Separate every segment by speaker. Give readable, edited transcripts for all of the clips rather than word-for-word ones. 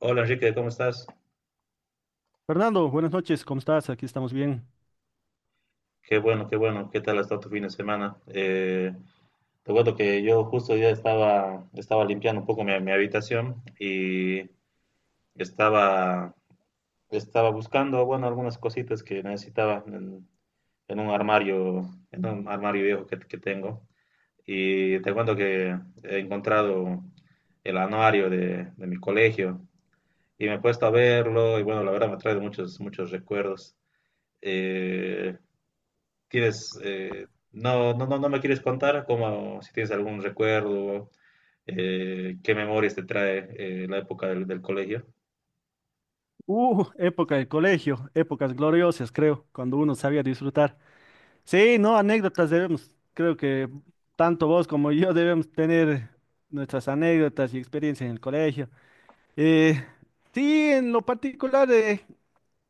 Speaker 1: Hola Enrique, ¿cómo estás?
Speaker 2: Fernando, buenas noches, ¿cómo estás? Aquí estamos bien.
Speaker 1: Qué bueno, qué bueno. ¿Qué tal ha estado tu fin de semana? Te cuento que yo justo ya estaba limpiando un poco mi habitación y estaba, estaba buscando, bueno, algunas cositas que necesitaba en un armario, en un armario viejo que tengo. Y te cuento que he encontrado el anuario de mi colegio y me he puesto a verlo y bueno, la verdad me trae muchos recuerdos. Eh, ¿Tienes, no, no, no, no me quieres contar cómo, si tienes algún recuerdo, qué memorias te trae la época del colegio?
Speaker 2: Época de colegio, épocas gloriosas, creo, cuando uno sabía disfrutar. Sí, no, anécdotas debemos, creo que tanto vos como yo debemos tener nuestras anécdotas y experiencias en el colegio. Eh, sí, en lo particular,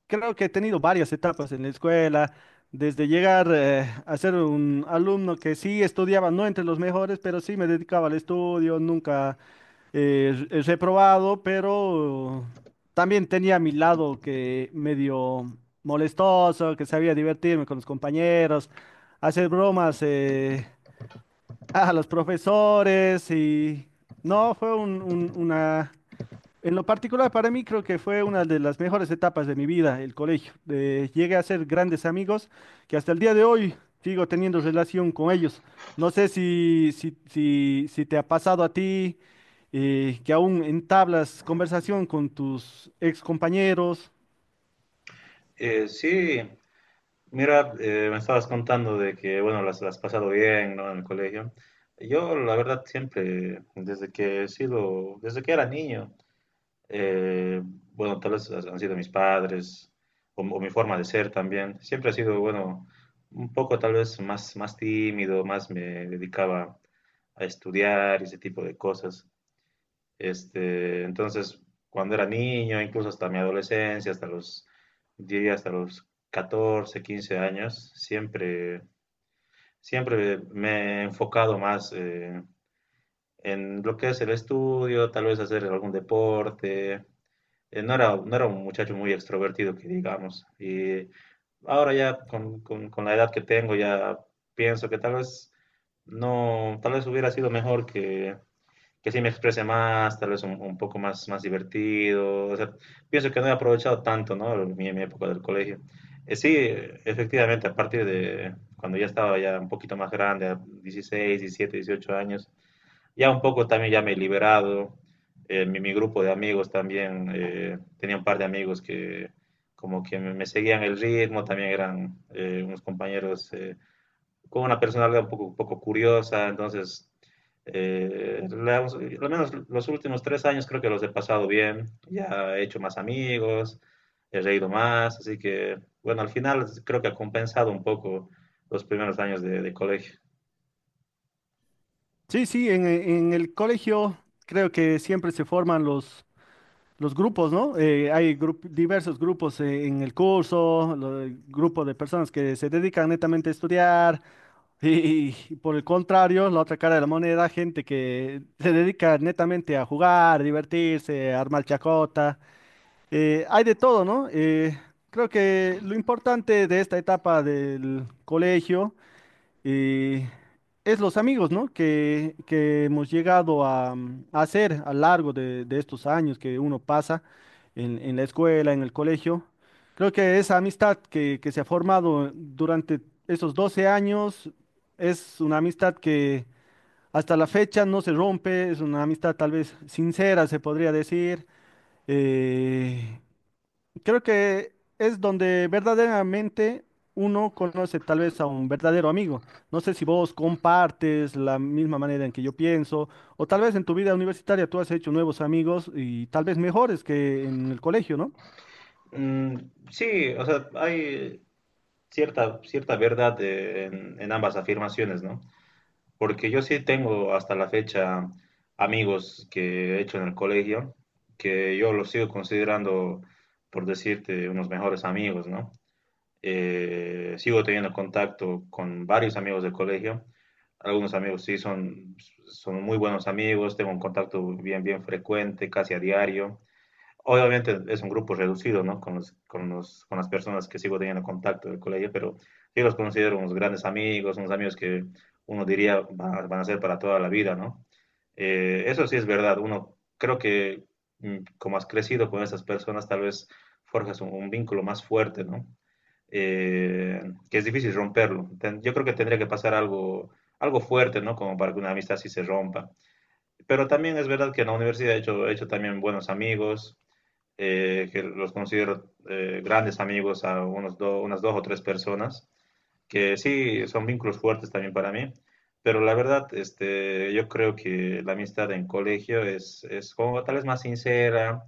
Speaker 2: creo que he tenido varias etapas en la escuela, desde llegar a ser un alumno que sí estudiaba, no entre los mejores, pero sí me dedicaba al estudio, nunca. He probado, pero también tenía mi lado que medio molestoso, que sabía divertirme con los compañeros, hacer bromas a los profesores. Y no, fue un- un- una, en lo particular para mí creo que fue una de las mejores etapas de mi vida, el colegio. Llegué a hacer grandes amigos que hasta el día de hoy sigo teniendo relación con ellos. No sé si te ha pasado a ti, que aún entablas conversación con tus ex compañeros.
Speaker 1: Sí, mira, me estabas contando de que, bueno, las has pasado bien, ¿no? En el colegio. Yo, la verdad, siempre, desde que he sido, desde que era niño, bueno, tal vez han sido mis padres o mi forma de ser también. Siempre ha sido, bueno, un poco tal vez más tímido, más me dedicaba a estudiar y ese tipo de cosas. Este, entonces, cuando era niño, incluso hasta mi adolescencia, diría hasta los 14, 15 años, siempre, siempre me he enfocado más en lo que es el estudio, tal vez hacer algún deporte. No era un muchacho muy extrovertido, que digamos. Y ahora ya con la edad que tengo, ya pienso que tal vez no, tal vez hubiera sido mejor que sí me exprese más, tal vez un poco más, más divertido. O sea, pienso que no he aprovechado tanto, ¿no? Mi época del colegio. Sí, efectivamente, a partir de cuando ya estaba ya un poquito más grande, a 16, 17, 18 años, ya un poco también ya me he liberado. Grupo de amigos también, tenía un par de amigos que como que me seguían el ritmo, también eran unos compañeros con una personalidad un poco curiosa, entonces, eh, al menos los últimos 3 años creo que los he pasado bien, ya he hecho más amigos, he reído más, así que, bueno, al final creo que ha compensado un poco los primeros años de colegio.
Speaker 2: Sí, sí, en el colegio creo que siempre se forman los grupos, ¿no? Hay diversos grupos en el curso, el grupo de personas que se dedican netamente a estudiar. Y por el contrario, la otra cara de la moneda, gente que se dedica netamente a jugar, divertirse, a armar chacota, hay de todo, ¿no? Creo que lo importante de esta etapa del colegio eh, es los amigos, ¿no? Que hemos llegado a, a hacer a lo largo de estos años que uno pasa en la escuela, en el colegio. Creo que esa amistad que se ha formado durante esos 12 años es una amistad que hasta la fecha no se rompe, es una amistad tal vez sincera, se podría decir. eh, Creo que es donde verdaderamente uno conoce tal vez a un verdadero amigo. No sé si vos compartes la misma manera en que yo pienso, o tal vez en tu vida universitaria tú has hecho nuevos amigos y tal vez mejores que en el colegio, ¿no?
Speaker 1: Mm, sí, o sea, hay cierta, cierta verdad en ambas afirmaciones, ¿no? Porque yo sí tengo hasta la fecha amigos que he hecho en el colegio, que yo los sigo considerando, por decirte, unos mejores amigos, ¿no? Sigo teniendo contacto con varios amigos del colegio. Algunos amigos sí son, son muy buenos amigos, tengo un contacto bien, bien frecuente, casi a diario. Obviamente es un grupo reducido, ¿no? Con las personas que sigo teniendo contacto del colegio, pero yo los considero unos grandes amigos, unos amigos que uno diría van a ser para toda la vida, ¿no? Eso sí es verdad, uno creo que mm, como has crecido con esas personas, tal vez forjas un vínculo más fuerte, ¿no? Eh, que es difícil romperlo. Yo creo que tendría que pasar algo, algo fuerte, ¿no? Como para que una amistad sí se rompa. Pero también es verdad que en la universidad he hecho también buenos amigos que los considero grandes amigos a unas dos o tres personas, que sí son vínculos fuertes también para mí, pero la verdad, este, yo creo que la amistad en colegio es como tal vez más sincera,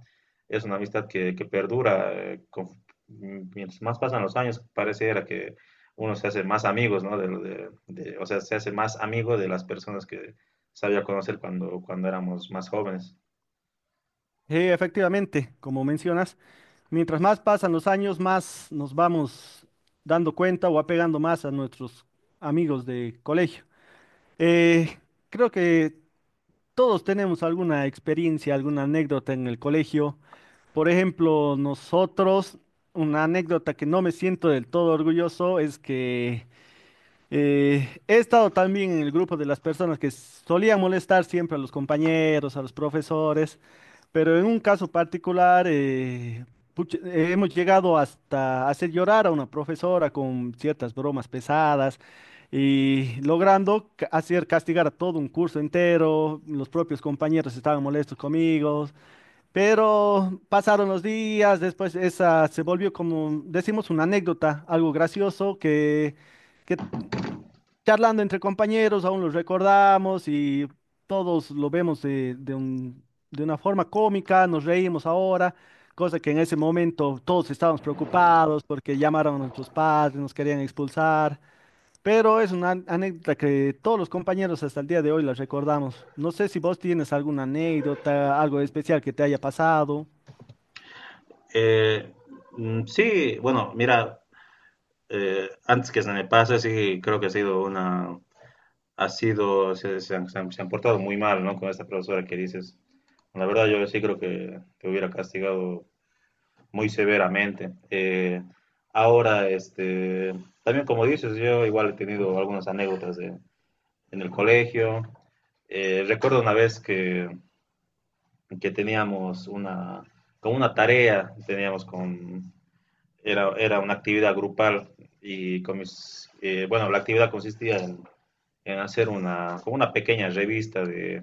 Speaker 1: es una amistad que perdura, mientras más pasan los años, pareciera que uno se hace más amigos, ¿no? De, lo de- O sea, se hace más amigo de las personas que sabía conocer cuando, cuando éramos más jóvenes.
Speaker 2: Sí, efectivamente, como mencionas, mientras más pasan los años, más nos vamos dando cuenta o apegando más a nuestros amigos de colegio. Eh, creo que todos tenemos alguna experiencia, alguna anécdota en el colegio. Por ejemplo, nosotros, una anécdota que no me siento del todo orgulloso es que, he estado también en el grupo de las personas que solían molestar siempre a los compañeros, a los profesores, pero en un caso particular, pucha, hemos llegado hasta hacer llorar a una profesora con ciertas bromas pesadas y logrando hacer castigar a todo un curso entero, los propios compañeros estaban molestos conmigo. Pero pasaron los días, después esa se volvió como, decimos, una anécdota, algo gracioso que charlando entre compañeros aún lo recordamos y todos lo vemos de de una forma cómica, nos reímos ahora, cosa que en ese momento todos estábamos preocupados porque llamaron a nuestros padres, nos querían expulsar, pero es una anécdota que todos los compañeros hasta el día de hoy la recordamos. No sé si vos tienes alguna anécdota, algo especial que te haya pasado.
Speaker 1: Eh, mm, sí, bueno, mira, antes que se me pase, sí, creo que ha sido una, ha sido, se han portado muy mal, ¿no? Con esta profesora que dices. La verdad, yo sí creo que te hubiera castigado muy severamente. Ahora, este, también como dices, yo igual he tenido algunas anécdotas en el colegio. Recuerdo una vez que teníamos una, como una tarea, era una actividad grupal y bueno, la actividad consistía en hacer una, como una pequeña revista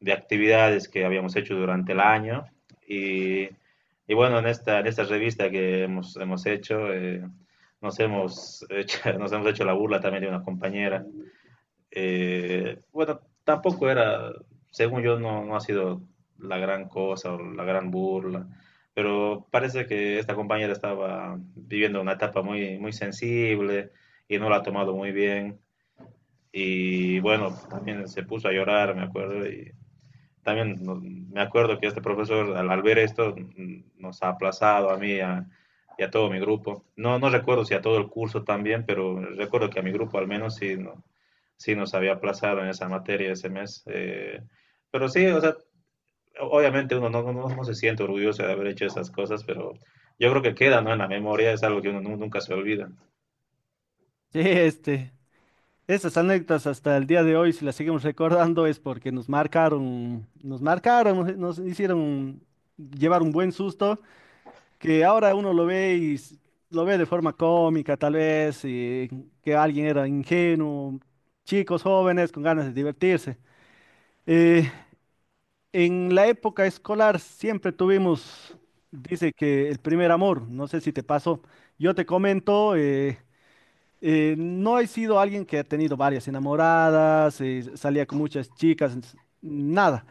Speaker 1: de actividades que habíamos hecho durante el año y, y bueno, en esta revista que hemos hecho, hemos hecho, nos hemos hecho la burla también de una compañera bueno, tampoco era, según yo, no, no ha sido la gran cosa o la gran burla, pero parece que esta compañera estaba viviendo una etapa muy, muy sensible y no la ha tomado muy bien. Y bueno, también se puso a llorar, me acuerdo, y también no, me acuerdo que este profesor ver esto mm, nos ha aplazado y a todo mi grupo. No, no recuerdo si a todo el curso también, pero recuerdo que a mi grupo al menos sí, no, sí nos había aplazado en esa materia ese mes. Pero sí, o sea, obviamente uno no, no, no, no se siente orgulloso de haber hecho esas cosas, pero yo creo que queda, ¿no?, en la memoria, es algo que uno nunca se olvida.
Speaker 2: Sí, este, esas anécdotas hasta el día de hoy, si las seguimos recordando, es porque nos marcaron, nos marcaron, nos, nos hicieron llevar un buen susto, que ahora uno lo ve y lo ve de forma cómica, tal vez, y que alguien era ingenuo, chicos jóvenes con ganas de divertirse. Eh, en la época escolar siempre tuvimos, dice que el primer amor, no sé si te pasó, yo te comento. No he sido alguien que ha tenido varias enamoradas, salía con muchas chicas, nada.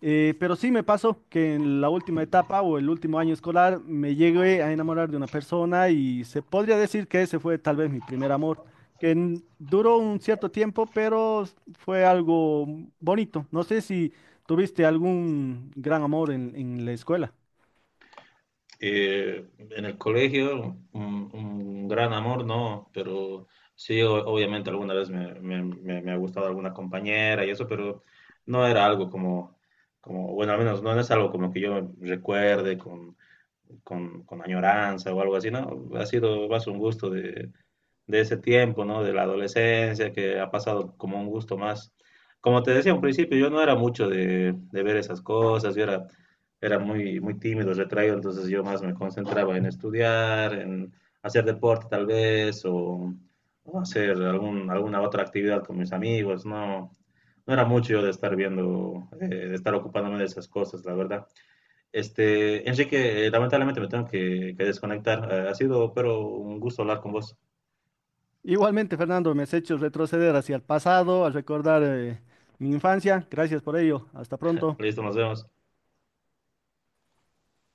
Speaker 2: Pero sí me pasó que en la última etapa o el último año escolar me llegué a enamorar de una persona y se podría decir que ese fue tal vez mi primer amor, que duró un cierto tiempo, pero fue algo bonito. No sé si tuviste algún gran amor en la escuela.
Speaker 1: En el colegio, un gran amor, no, pero sí, obviamente alguna vez me ha gustado alguna compañera y eso, pero no era algo como, como, bueno, al menos no, no es algo como que yo recuerde con añoranza o algo así, ¿no? Ha sido más un gusto de ese tiempo, ¿no? De la adolescencia, que ha pasado como un gusto más. Como te decía al principio, yo no era mucho de ver esas cosas, era muy, muy tímido, retraído, entonces yo más me concentraba en estudiar, en hacer deporte tal vez, o hacer alguna otra actividad con mis amigos, no, no era mucho yo de estar viendo, de estar ocupándome de esas cosas, la verdad. Este, Enrique, lamentablemente me tengo que desconectar. Ha sido, pero un gusto hablar con vos.
Speaker 2: Igualmente, Fernando, me has hecho retroceder hacia el pasado, al recordar mi infancia. Gracias por ello. Hasta pronto.
Speaker 1: Listo, nos vemos.